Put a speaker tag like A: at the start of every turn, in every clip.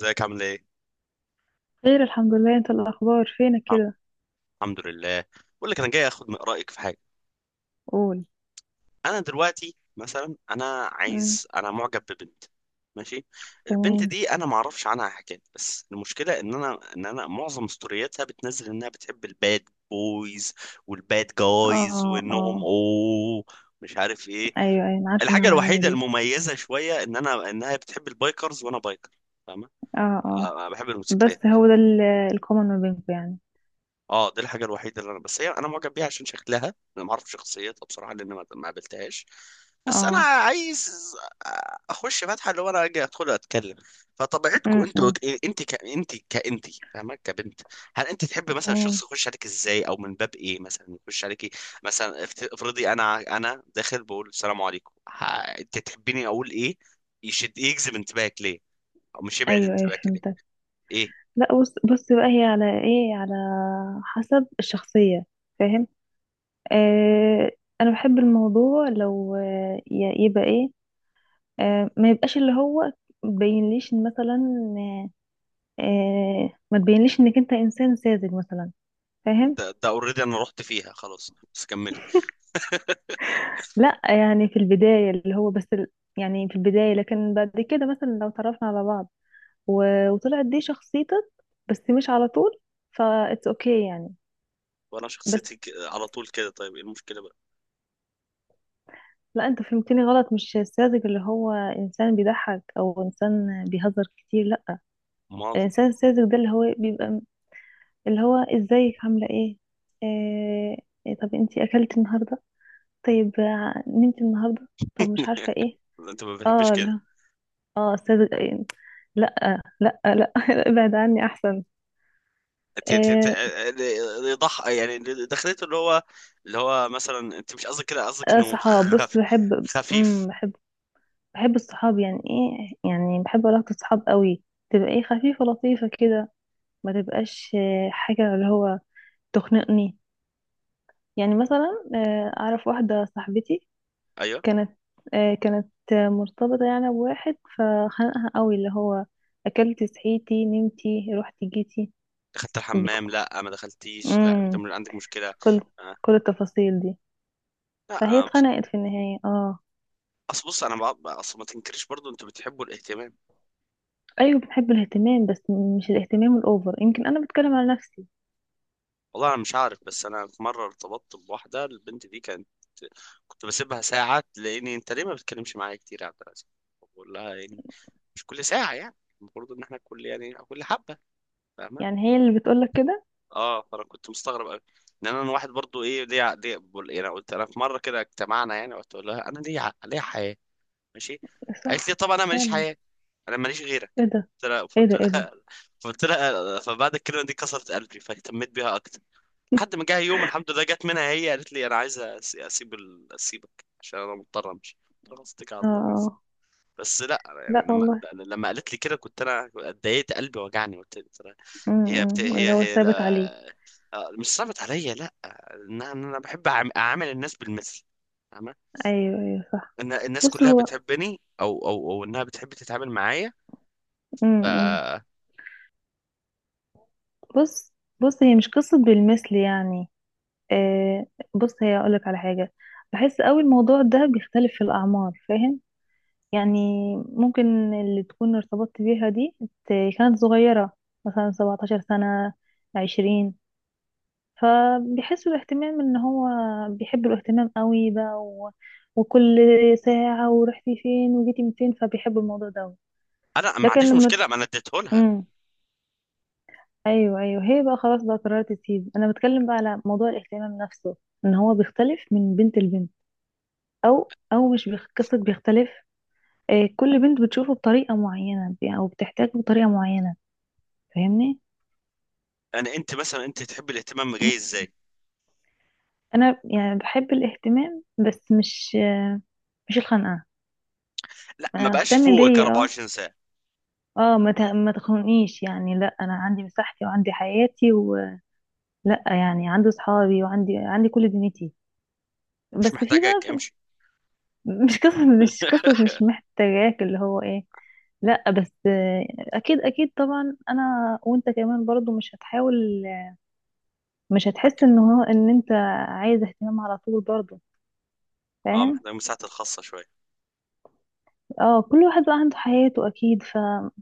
A: ازيك عامل ايه؟
B: خير، الحمد لله. انت الاخبار، فينك
A: الحم-
B: كده؟
A: الحمد لله. بقول لك انا جاي اخد من رايك في حاجه.
B: قول.
A: انا دلوقتي مثلا انا
B: مم.
A: عايز انا معجب ببنت. ماشي. البنت
B: تمام.
A: دي انا ما اعرفش عنها حاجات، بس المشكله ان انا ان انا معظم ستورياتها بتنزل انها بتحب الباد بويز والباد جايز
B: اه،
A: وانهم
B: اه.
A: مش عارف ايه.
B: ايوه، ايوه، انا عارفه
A: الحاجه
B: النوعيه
A: الوحيده
B: دي.
A: المميزه شويه ان انا انها بتحب البايكرز وانا بايكر، فاهمه.
B: اه، اه.
A: أنا بحب الموتوسيكلات.
B: بس هو ده الكومن ما بينكم يعني.
A: اه دي الحاجه الوحيده اللي انا بس هي انا معجب بيها عشان شكلها. انا ما اعرف شخصيتها بصراحه لان ما قابلتهاش. بس انا
B: اه.
A: عايز اخش فاتحه اللي هو انا اجي ادخل اتكلم. فطبيعتكم انتوا
B: امم.
A: ك- انت ك... انت كانت فاهمه كبنت، هل انت تحب مثلا الشخص
B: تمام.
A: يخش عليك ازاي، او من باب ايه مثلا يخش عليكي؟ مثلا افرضي انا داخل بقول السلام عليكم انت تحبيني اقول ايه؟ يجذب انتباهك ليه، او مش يبعد
B: ايوه، ايوه،
A: انتباهك ليه.
B: فهمتك.
A: ايه
B: لا، بص بص بقى، هي على ايه، على حسب الشخصيه. فاهم. آه. انا بحب الموضوع لو يبقى ايه. ما يبقاش اللي هو بينليش مثلا. آه. ما تبينليش انك انت انسان ساذج مثلا. فاهم.
A: ده اوريدي انا رحت فيها خلاص، بس كملي.
B: لا، يعني في البداية اللي هو بس ال... يعني في البداية، لكن بعد كده مثلا لو تعرفنا على بعض و... وطلعت دي شخصيتك، بس مش على طول. فا اتس اوكي يعني.
A: وانا
B: بس.
A: شخصيتي على طول كده، طيب ايه المشكله بقى؟
B: لا، انت فهمتني غلط. مش الساذج اللي هو انسان بيضحك او انسان بيهزر كتير، لا.
A: ما
B: الانسان الساذج ده اللي هو بيبقى م- اللي هو ازيك، عاملة ايه؟ آه... إيه، طب انتي اكلت النهاردة؟ طيب، نمت النهاردة؟ طب مش عارفة ايه.
A: انت ما بتحبش
B: اه.
A: كده.
B: اه استاذ. لا. لا، لا، ابعد عني احسن.
A: انت
B: إيه.
A: اللي ضح يعني اللي دخلته اللي هو اللي هو مثلا انت مش قصدك كده، قصدك انه
B: صحاب. بص،
A: خفيف.
B: بحب الصحاب. يعني ايه، يعني بحب علاقة الصحاب قوي. تبقى ايه، خفيفة لطيفة كده. ما تبقاش حاجة اللي هو تخنقني. يعني مثلا، اعرف واحدة صاحبتي
A: ايوه.
B: كانت، مرتبطة يعني بواحد فخنقها قوي. اللي هو اكلتي، صحيتي، نمتي، رحتي، جيتي.
A: دخلت الحمام؟
B: بك-
A: لا، ما دخلتيش، لا انت
B: امم
A: من عندك مشكله.
B: كل
A: آه.
B: كل التفاصيل دي.
A: لا
B: فهي
A: انا بص.
B: اتخنقت في النهاية. اه.
A: اصل بص انا بع- اصل ما تنكرش برضو انتوا بتحبوا الاهتمام.
B: ايوه، بنحب الاهتمام، بس مش الاهتمام الاوفر. يمكن انا بتكلم على نفسي.
A: والله انا مش عارف، بس انا في مره ارتبطت بواحده، البنت دي كانت كنت بسيبها ساعه تلاقيني: انت ليه ما بتكلمش معايا كتير يا عبد العزيز؟ بقول لها يعني مش كل ساعة يعني، المفروض ان احنا كل يعني كل حبة، فاهمة.
B: يعني هي اللي بتقولك كده؟
A: اه فانا كنت مستغرب قوي ان انا واحد برضو، ايه ليه ليه بقول- يعني قلت انا في مرة كده اجتمعنا يعني قلت لها: انا ليه ليه حياة؟ ماشي. قالت لي:
B: صح.
A: طبعا انا ماليش
B: فعلا.
A: حياة، انا ماليش
B: ايه
A: غيرك.
B: ده،
A: قلت لها،
B: ايه
A: فقلت
B: ده، ايه ده.
A: لها فقلت لها، فبعد الكلمة دي كسرت قلبي فاهتميت بيها اكتر. لحد ما جه يوم الحمد لله جت منها هي قالت لي: انا عايزة اسيبك عشان انا مضطر امشي. قلت لها: اتكل على
B: اه.
A: الله.
B: آه.
A: بس لا أنا يعني
B: لا
A: لما
B: والله.
A: لما قالت لي كده كنت انا اتضايقت، قلبي وجعني، قلت لي ترى. هي بت...
B: اللي
A: هي
B: هو
A: هي
B: ثابت عليه.
A: لا، آه، مش صعبت عليا، لا ان انا إن أنا بحب اعامل الناس بالمثل، فاهمة؟
B: ايوه، ايوه، صح.
A: ان الناس
B: بص
A: كلها
B: هو.
A: بتحبني، او او انها بتحب تتعامل معايا.
B: امم.
A: ف
B: بص. بص، هي مش قصة بالمثل يعني. آه. بص، هي اقولك على حاجة. بحس قوي الموضوع ده بيختلف في الاعمار، فاهم؟ يعني ممكن اللي تكون ارتبطت بيها دي ت- كانت صغيرة، مثلا 17 سنة، 20. فبيحسوا الاهتمام ان هو، بيحبوا الاهتمام قوي بقى، و... وكل ساعة ورحتي فين وجيتي من فين، فبيحبوا الموضوع ده أوي.
A: انا ما
B: لكن
A: عنديش
B: لما،
A: مشكله، ما انا اديته لها.
B: امم، ايوه، ايوه، هي بقى خلاص بقى قررت تسيب. انا بتكلم بقى على موضوع الاهتمام نفسه، ان هو بيختلف من بنت لبنت، او مش قصة بيختلف. كل بنت بتشوفه بطريقة معينة، او بتحتاجه بطريقة معينة. فاهمني؟
A: يعني انت مثلا انت تحب الاهتمام جاي ازاي؟
B: انا يعني بحب الاهتمام، بس مش الخنقه.
A: لا ما بقاش
B: اهتم
A: فوقك
B: بيا، اه.
A: 24 ساعه،
B: اه، ما تخنقنيش يعني. لا، انا عندي مساحتي وعندي حياتي ولا، يعني عندي صحابي، وعندي كل دنيتي.
A: مش
B: بس في بقى
A: محتاجك،
B: في.
A: امشي.
B: مش قصة مش محتاجاك، اللي هو ايه. لا بس اكيد، اكيد طبعا. انا وانت كمان برضو مش هتحاول، مش هتحس
A: حك-
B: ان انت عايز اهتمام على طول برضو،
A: اه
B: فاهم؟
A: محتاج مساحتي الخاصه شويه.
B: اه، كل واحد بقى عنده حياته اكيد. فبحس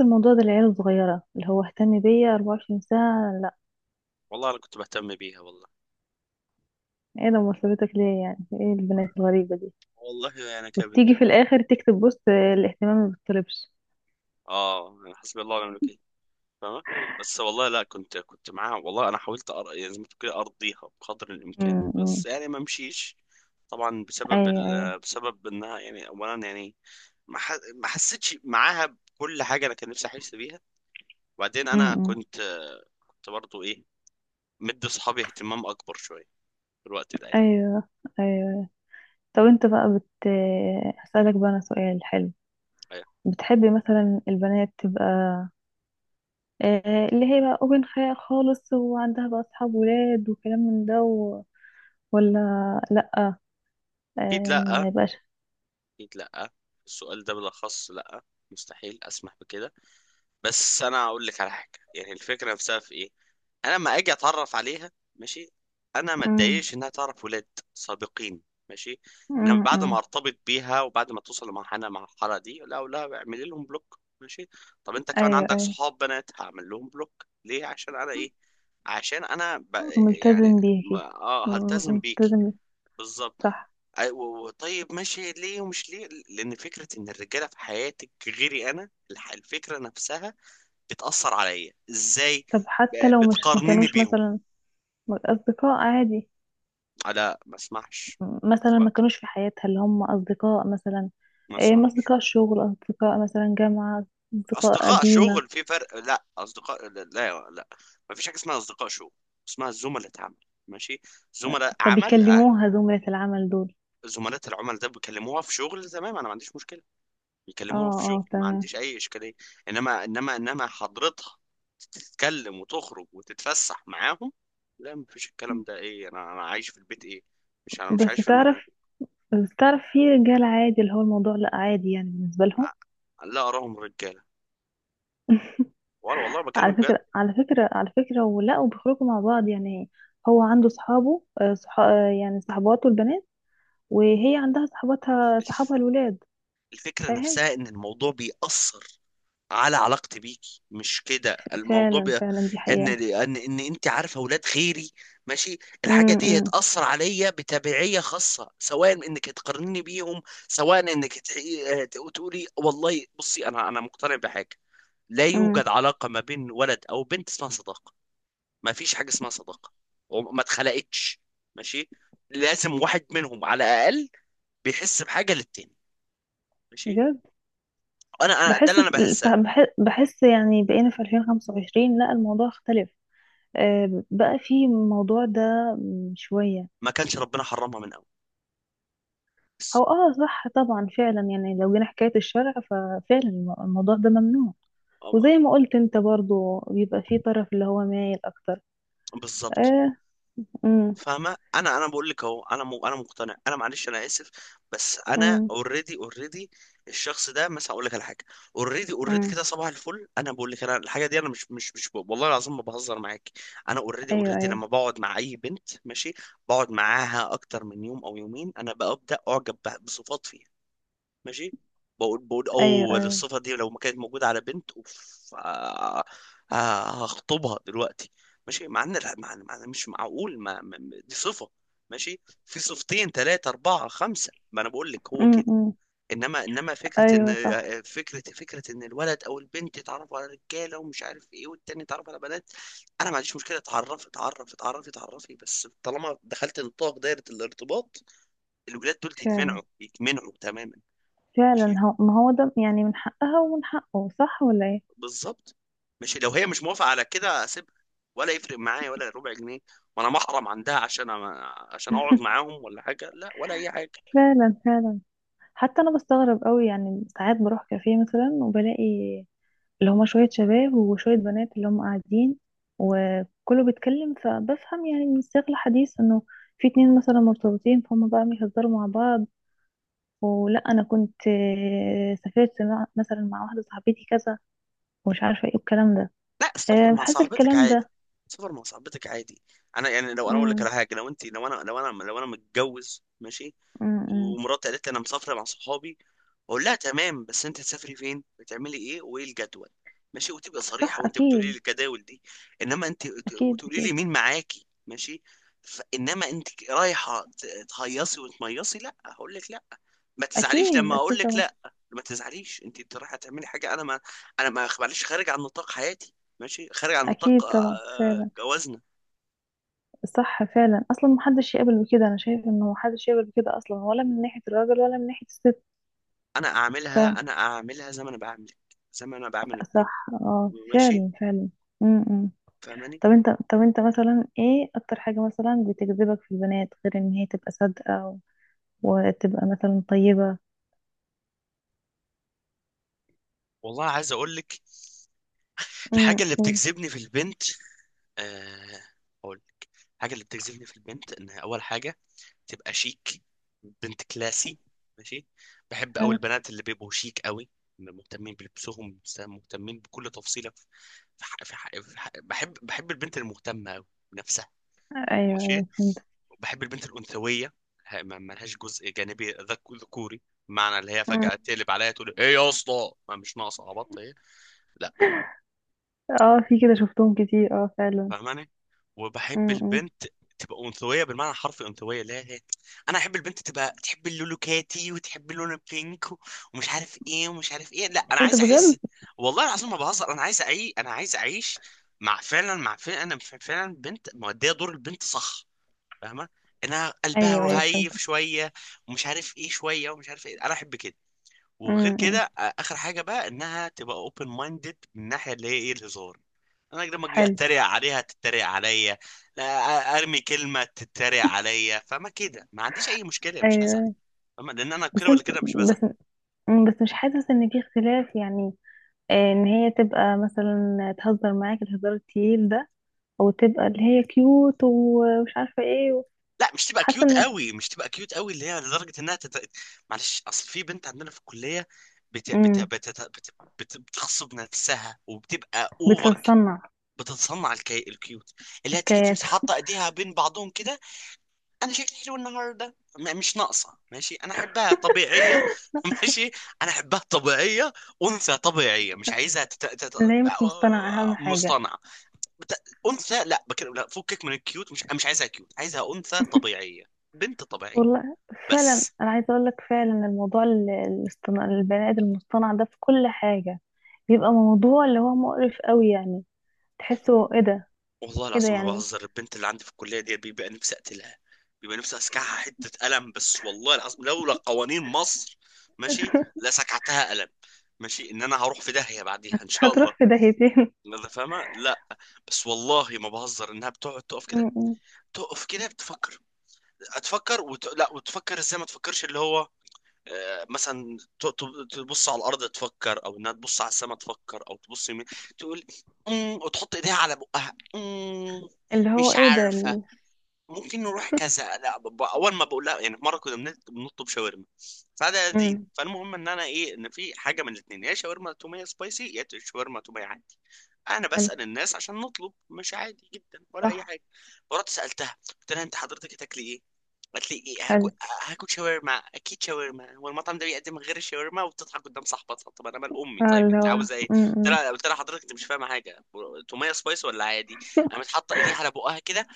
B: الموضوع ده، العيال الصغيره اللي هو اهتم بيا 24 ساعه، لا.
A: والله انا كنت بهتم بيها والله،
B: ايه ده، مرتبطك ليه يعني؟ ايه البنات الغريبه دي؟
A: والله انا يعني،
B: وتيجي في الاخر تكتب بوست الاهتمام ما بيطلبش.
A: اه يعني حسبي الله ونعم الوكيل، فاهمة؟ بس والله لا، كنت معاها والله، انا حاولت يعني زي ما تقول كده ارضيها بقدر الامكان،
B: امم. أمم.
A: بس يعني ما مشيش. طبعا بسبب
B: ايوه،
A: ال...
B: ايوه.
A: آه، بسبب انها يعني اولا يعني ما حسيتش معاها بكل حاجه، انا كان نفسي احس بيها. وبعدين
B: امم.
A: انا
B: أمم.
A: كنت، كنت برضو ايه مدي اصحابي اهتمام اكبر شويه في الوقت ده يعني.
B: ايوه، ايوه، طب انت بقى بت، هسألك بقى انا سؤال حلو.
A: أيوة.
B: بتحبي مثلا البنات تبقى اللي هي بقى اوبن خيال خالص، وعندها بقى اصحاب ولاد وكلام من ده و... ولا لا؟
A: اكيد
B: آه، ما
A: لا،
B: يبقاش.
A: اكيد لا، السؤال ده بالاخص لا، مستحيل اسمح بكده. بس انا اقول لك على حاجه، يعني الفكره نفسها في ايه، انا لما اجي اتعرف عليها ماشي، انا ما
B: امم.
A: اتضايقش انها تعرف ولاد سابقين. ماشي. انما
B: امم.
A: بعد ما
B: أمم.
A: ارتبط بيها وبعد ما توصل لمرحله مع المرحله دي لا لا، اعملي لهم بلوك. ماشي. طب انت كمان
B: ايوه،
A: عندك
B: ايوه،
A: صحاب بنات، هعمل لهم بلوك ليه؟ عشان انا ايه؟ عشان انا ب... يعني
B: ملتزم
A: ما...
B: بيكي.
A: اه هلتزم بيكي،
B: ملتزم بيكي.
A: بالظبط.
B: صح.
A: طيب ماشي، ليه ومش ليه؟ لان فكره ان الرجاله في حياتك غيري انا، الفكره نفسها بتأثر عليا ازاي؟
B: طب حتى لو مش ما
A: بتقارنيني
B: كانوش
A: بيهم.
B: مثلا اصدقاء عادي؟
A: آه، لا ما اسمعش،
B: مثلا ما كانوش في حياتها اللي هم اصدقاء مثلا،
A: ما
B: ايه، ما
A: اسمعش.
B: اصدقاء شغل، اصدقاء مثلا جامعة، اصدقاء
A: اصدقاء
B: قديمة.
A: شغل في فرق، لا اصدقاء لا لا لا. ما فيش حاجه اسمها اصدقاء شغل، اسمها زملاء عمل. ماشي. زملاء
B: طب
A: عمل. آه.
B: يكلموها زملاء العمل دول؟
A: زملاء العمل ده بيكلموها في شغل، تمام، انا ما عنديش مشكله.
B: اه.
A: بيكلموها في شغل
B: اه،
A: ما
B: تمام.
A: عنديش اي اشكاليه. انما حضرتها تتكلم وتخرج وتتفسح معاهم، لا ما فيش الكلام ده، ايه؟ انا انا عايش في البيت، ايه؟ مش انا مش
B: بس
A: عايش في المه.
B: تعرف، في رجال عادي اللي هو الموضوع لا عادي يعني بالنسبة لهم.
A: لا أراهم رجالة، ولا والله
B: على
A: بكلمك بجد.
B: فكرة، ولا وبيخرجوا مع بعض يعني. هو عنده صحابه يعني صحباته البنات، وهي عندها صحباتها،
A: الف-
B: صحابها الولاد.
A: الفكرة
B: فاهم؟
A: نفسها إن الموضوع بيأثر على علاقتي بيكي، مش كده؟ الموضوع
B: فعلا،
A: بي.
B: فعلا، دي
A: إن
B: حقيقة.
A: إن إن أنت عارفة أولاد غيري، ماشي، الحاجة
B: امم.
A: دي
B: امم.
A: هتأثر عليا بتبعية، خاصة سواء إنك تقارني بيهم، سواء إنك تقولي والله بصي، أنا مقتنع بحاجة، لا
B: امم.
A: يوجد علاقة ما بين ولد أو بنت اسمها صداقة. ما فيش حاجه اسمها صداقه، وما اتخلقتش. ماشي. لازم واحد منهم على الاقل بيحس بحاجه للتاني، ماشي.
B: بجد.
A: انا ده
B: بحس،
A: اللي انا بحسها،
B: بحس يعني بقينا في 2025، لا، الموضوع اختلف. بقى في الموضوع ده، شوية.
A: ما كانش ربنا حرمها من اول بس.
B: هو اه، صح طبعا، فعلا. يعني لو جينا حكاية الشرع ففعلا الموضوع ده ممنوع.
A: أو ما-
B: وزي ما قلت انت برضو، بيبقى في طرف اللي هو مايل اكتر.
A: بالظبط.
B: اه. امم.
A: فاهمه، انا بقول لك اهو، انا انا مقتنع، انا معلش انا اسف، بس انا
B: امم.
A: اوريدي الشخص ده مثلا اقول لك على حاجه، اوريدي
B: امم.
A: كده صباح الفل انا بقول لك انا الحاجه دي انا مش والله العظيم ما بهزر معاك. انا اوريدي
B: ايوه،
A: اوريدي
B: ايوه.
A: لما بقعد مع اي بنت ماشي، بقعد معاها اكتر من يوم او يومين انا ببدا اعجب بصفات فيها. ماشي. بقول
B: ايوه،
A: اوه،
B: ايوه.
A: الصفة دي لو ما كانت موجودة على بنت اوف، آه، آه، هخطبها دلوقتي. ماشي، مع ان لا، مع مش معقول، دي صفة، ماشي، في صفتين ثلاثة أربعة خمسة، ما أنا بقول لك هو
B: امم.
A: كده.
B: امم.
A: إنما فكرة إن،
B: ايوه صح.
A: فكرة فكرة إن الولد أو البنت يتعرفوا على رجالة ومش عارف إيه، والتاني يتعرف على بنات. أنا ما عنديش مشكلة، اتعرف اتعرف اتعرف اتعرفي، بس طالما دخلت نطاق دايرة الارتباط الولاد دول
B: فعلا،
A: يتمنعوا، يتمنعوا تماما. ماشي،
B: فعلا. هو ما هو ده يعني، من حقها ومن حقه، صح ولا ايه؟
A: بالظبط. مش لو هي مش موافقه على كده اسيبها، ولا يفرق معايا ولا ربع جنيه، وانا محرم عندها عشان عشان اقعد معاهم، ولا حاجه لا، ولا اي حاجه.
B: فعلا، فعلا. حتى انا بستغرب قوي. يعني ساعات بروح كافيه مثلا وبلاقي اللي هما شويه شباب وشويه بنات اللي هم قاعدين وكله بيتكلم، فبفهم يعني من سياق الحديث انه في اتنين مثلا مرتبطين، فهم بقى بيهزروا مع بعض. ولا انا كنت سافرت مثلا مع واحده صاحبتي كذا، ومش عارفه ايه الكلام ده.
A: لا سافر مع
B: بحس
A: صاحبتك
B: الكلام ده.
A: عادي، سافر مع صاحبتك عادي، انا يعني لو انا اقول لك
B: امم.
A: على حاجه، لو انا متجوز ماشي،
B: امم.
A: ومراتي قالت لي انا مسافره مع صحابي، اقول لها تمام بس انت هتسافري فين، بتعملي ايه، وايه الجدول، ماشي، وتبقى
B: صح.
A: صريحه وانت بتقولي لي
B: اكيد،
A: الجداول دي، انما انت
B: اكيد.
A: وتقولي لي
B: اكيد،
A: مين معاكي، ماشي. فانما انت رايحه تهيصي وتميصي لا، هقول لك لا، ما تزعليش
B: اكيد.
A: لما اقول
B: اكيد
A: لك
B: طبعا.
A: لا، ما تزعليش. انت انت رايحه تعملي حاجه انا ما، انا ما معلش، خارج عن نطاق حياتي، ماشي، خارج عن
B: اكيد
A: نطاق، آه،
B: طبعا.
A: آه،
B: فعلا،
A: جوازنا.
B: صح، فعلا. اصلا محدش يقبل بكده. انا شايف انه محدش يقبل بكده اصلا، ولا من ناحيه الراجل ولا من ناحيه الست.
A: انا
B: ف،
A: اعملها، انا اعملها زي ما انا بعملك، زي ما انا بعمل الكل،
B: صح، اه،
A: ماشي،
B: فعلا، فعلا. امم.
A: فاهماني.
B: طب انت، مثلا ايه اكتر حاجه مثلا بتجذبك في البنات، غير ان هي تبقى صادقه وتبقى مثلا طيبه؟
A: والله عايز اقول لك الحاجه
B: امم،
A: اللي
B: قول.
A: بتجذبني في البنت، آه، اقول الحاجه اللي بتجذبني في البنت انها اول حاجه تبقى شيك، بنت كلاسي، ماشي. بحب قوي
B: حلو.
A: البنات اللي بيبقوا شيك قوي، مهتمين بلبسهم، مهتمين بكل تفصيلة في، في ح... في ح... في ح... بحب بحب البنت المهتمة قوي بنفسها،
B: ايوه،
A: ماشي.
B: ايوه، فهمت.
A: بحب البنت الأنثوية، ما لهاش جزء جانبي ذكوري، معنى اللي هي
B: أمم.
A: فجأة تقلب عليا تقول ايه يا اسطى، ما مش ناقصة عبط هي، لا،
B: اه، في كده شفتهم كتير، اه، فعلا.
A: فاهماني. وبحب
B: امم.
A: البنت تبقى انثويه بالمعنى الحرفي انثويه، لا هي انا احب البنت تبقى تحب اللون كاتي وتحب اللون البينك، و- ومش عارف ايه، ومش عارف ايه، لا انا
B: ايه ده،
A: عايز احس
B: بجد؟
A: والله العظيم ما بهزر، انا عايز اعيش، انا عايز اعيش مع فعلا، مع فعلا انا فعلا بنت مؤديه دور البنت، صح؟ فاهمه، انها قلبها
B: ايوه، ايوه، فهمت.
A: رهيف شويه ومش عارف ايه شويه ومش عارف ايه، انا احب كده. وغير
B: امم.
A: كده آه، اخر حاجه بقى انها تبقى اوبن مايندد من الناحيه اللي هي ايه الهزار، انا لما اجي
B: حلو.
A: اتريق عليها تتريق عليا، لا، آه، ارمي كلمه تتريق عليا، فما كده ما عنديش اي مشكله مش هزعل،
B: ايوه.
A: فاهمة؟ لان انا
B: بس
A: كده ولا
B: انت.
A: كده مش بزعل.
B: بس. بس مش حاسس ان في اختلاف يعني، ان هي تبقى مثلا تهزر معاك الهزار التقيل ده، او تبقى اللي هي كيوت ومش عارفه ايه
A: لا مش تبقى
B: حاسه
A: كيوت
B: ان،
A: قوي، مش تبقى كيوت قوي اللي هي لدرجه انها تت، معلش اصل في بنت عندنا في الكليه بت... بت...
B: امم.
A: بت... بت... بتغصب نفسها وبتبقى اوفر،
B: بتتصنع.
A: بتتصنع الكيوت، اللي هي تيجي
B: حكايات.
A: تمسك حاطه ايديها بين بعضهم كده، انا شكلي حلو النهارده، مش ناقصه، ماشي، انا احبها طبيعيه ماشي، انا احبها طبيعيه، انثى طبيعيه، مش عايزها
B: اللي هي مش مصطنعه اهم حاجه.
A: مصطنعه، بت، انثى، لا بكلم لا، فكك من الكيوت، مش مش عايزها كيوت، عايزها انثى طبيعيه، بنت طبيعيه.
B: والله. فعلا.
A: بس
B: انا عايزه اقول لك فعلا الموضوع الاصطناع، البني ادم المصطنع ده في كل حاجه بيبقى موضوع اللي هو مقرف قوي يعني. تحسه ايه ده.
A: والله
B: ايه ده
A: العظيم ما
B: يعني.
A: بهزر، البنت اللي عندي في الكليه دي بيبقى نفسي اقتلها، بيبقى نفسي اسكعها حته قلم، بس والله العظيم لولا قوانين مصر، ماشي، لسكعتها قلم. ماشي، ان انا هروح في داهيه بعديها ان شاء الله،
B: هتروح في داهيتين.
A: انت فاهمه، لا بس والله ما بهزر، انها بتقعد تقف كده،
B: م-. م.
A: تقف كده بتفكر، هتفكر لا، وتفكر ازاي؟ ما تفكرش اللي هو آه، مثلا تبص على الارض تفكر، او انها تبص على السماء تفكر، او تبص يمين، تقول امم، وتحط ايديها على بقها امم،
B: اللي هو
A: مش
B: ايه ده
A: عارفه.
B: ال...
A: ممكن نروح كذا لا، اول ما بقول لها يعني، مره كنا بنطلب شاورما فده دين،
B: م.
A: فالمهم ان انا ايه، ان في حاجه من الاثنين: يا شاورما توميه سبايسي، يا شاورما توميه عادي، انا
B: حلو.
A: بسال الناس عشان نطلب، مش عادي جدا ولا اي
B: صح.
A: حاجه. فرحت سالتها قلت لها: انت حضرتك هتاكلي ايه؟ قالت لي: ايه هاكل،
B: حلو.
A: هاكل شاورما اكيد، شاورما، هو المطعم ده بيقدم غير الشاورما؟ وبتضحك قدام صاحبتها. طب انا مال امي،
B: آه،
A: طيب
B: اللي
A: انت
B: هو
A: عاوزه ايه؟ قلت
B: م-. م.
A: لها، قلت لها: حضرتك انت مش فاهمه حاجه، توميه سبايس ولا عادي؟ قامت حاطه ايديها على بقها كده،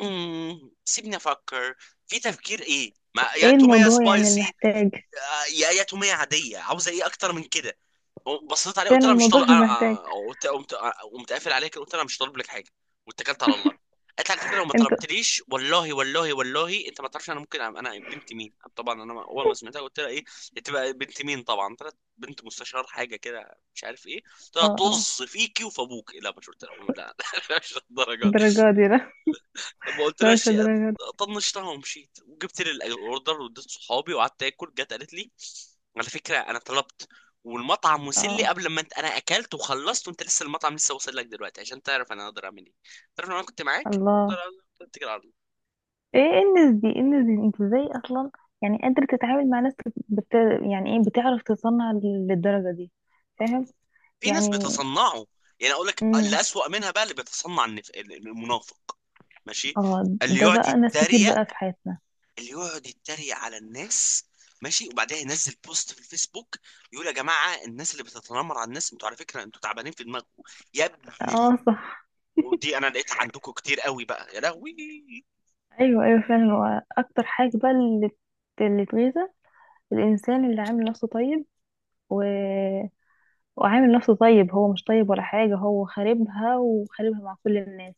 A: سيبني افكر، في تفكير ايه؟ ما يا
B: ايه
A: توميه
B: الموضوع يعني،
A: سبايسي،
B: المحتاج.
A: آه، يا يا توميه عاديه، عاوزه ايه اكتر من كده؟ بصيت عليه قلت
B: فعلا
A: لها: مش
B: الموضوع
A: طالب
B: مش
A: انا.
B: محتاج.
A: أنا- قلت قمت آه، قمت قافل عليها كده قلت لها: مش طالب لك حاجه، واتكلت على الله. قالت لي: على فكره لو ما
B: انت.
A: طلبتليش والله والله والله انت ما تعرفش انا ممكن انا بنت مين. طبعا انا اول ما سمعتها قلت لها: ايه، انت بقى بنت مين؟ طبعا طلعت بنت مستشار حاجه كده مش عارف ايه، قلت لها
B: اه، اه.
A: طز فيكي وفي ابوك، لا ما شفت لها، لا مش الدرجه.
B: الدرجة دي لا.
A: ما
B: لا، مش
A: قلتلهاش.
B: الدرجة دي.
A: طنشتها ومشيت وجبت لي الاوردر واديت صحابي وقعدت اكل، جت قالت لي: على فكره انا طلبت، والمطعم وصل لي
B: اه.
A: قبل ما انت، انا اكلت وخلصت وانت لسه المطعم لسه واصل لك دلوقتي عشان تعرف انا اقدر اعمل ايه، تعرف لو انا كنت معاك اقدر.
B: الله.
A: اتكل على الله.
B: ايه، إيه الناس دي، ايه الناس دي؟ انت ازاي اصلا يعني قادر تتعامل مع ناس بت... يعني ايه، بتعرف تصنع للدرجة دي؟ فاهم؟
A: في ناس
B: يعني.
A: بيتصنعوا، يعني اقول لك اللي
B: امم.
A: اسوأ منها بقى اللي بيتصنع، المنافق، ماشي،
B: اه،
A: اللي
B: ده
A: يقعد
B: بقى ناس كتير
A: يتريق،
B: بقى في حياتنا.
A: اللي يقعد يتريق على الناس ماشي، وبعدها ينزل بوست في الفيسبوك يقول: يا جماعه الناس اللي بتتنمر على الناس انتوا على فكره انتوا تعبانين في دماغكم، يا ابن ال.
B: اه، صح.
A: ودي انا لقيتها عندكم كتير قوي بقى يا لهوي.
B: ايوه، ايوه، فعلا. هو اكتر حاجة بقى اللي، اللي تغيظه، الانسان اللي عامل نفسه طيب و... وعامل نفسه طيب هو مش طيب ولا حاجة. هو خاربها، وخاربها مع كل الناس،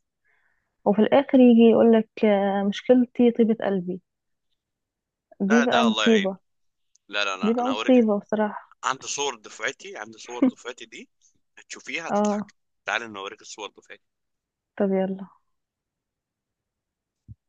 B: وفي الاخر يجي يقولك مشكلتي طيبة قلبي. دي
A: لا
B: بقى
A: ده الله يعين.
B: مصيبة.
A: لا لا
B: دي
A: لا
B: بقى
A: انا اوريك،
B: مصيبة بصراحة.
A: عندي صور دفعتي، عندي صور دفعتي دي هتشوفيها
B: اه.
A: هتضحك، تعال انا اوريك الصور دفعتي.
B: طب يلا.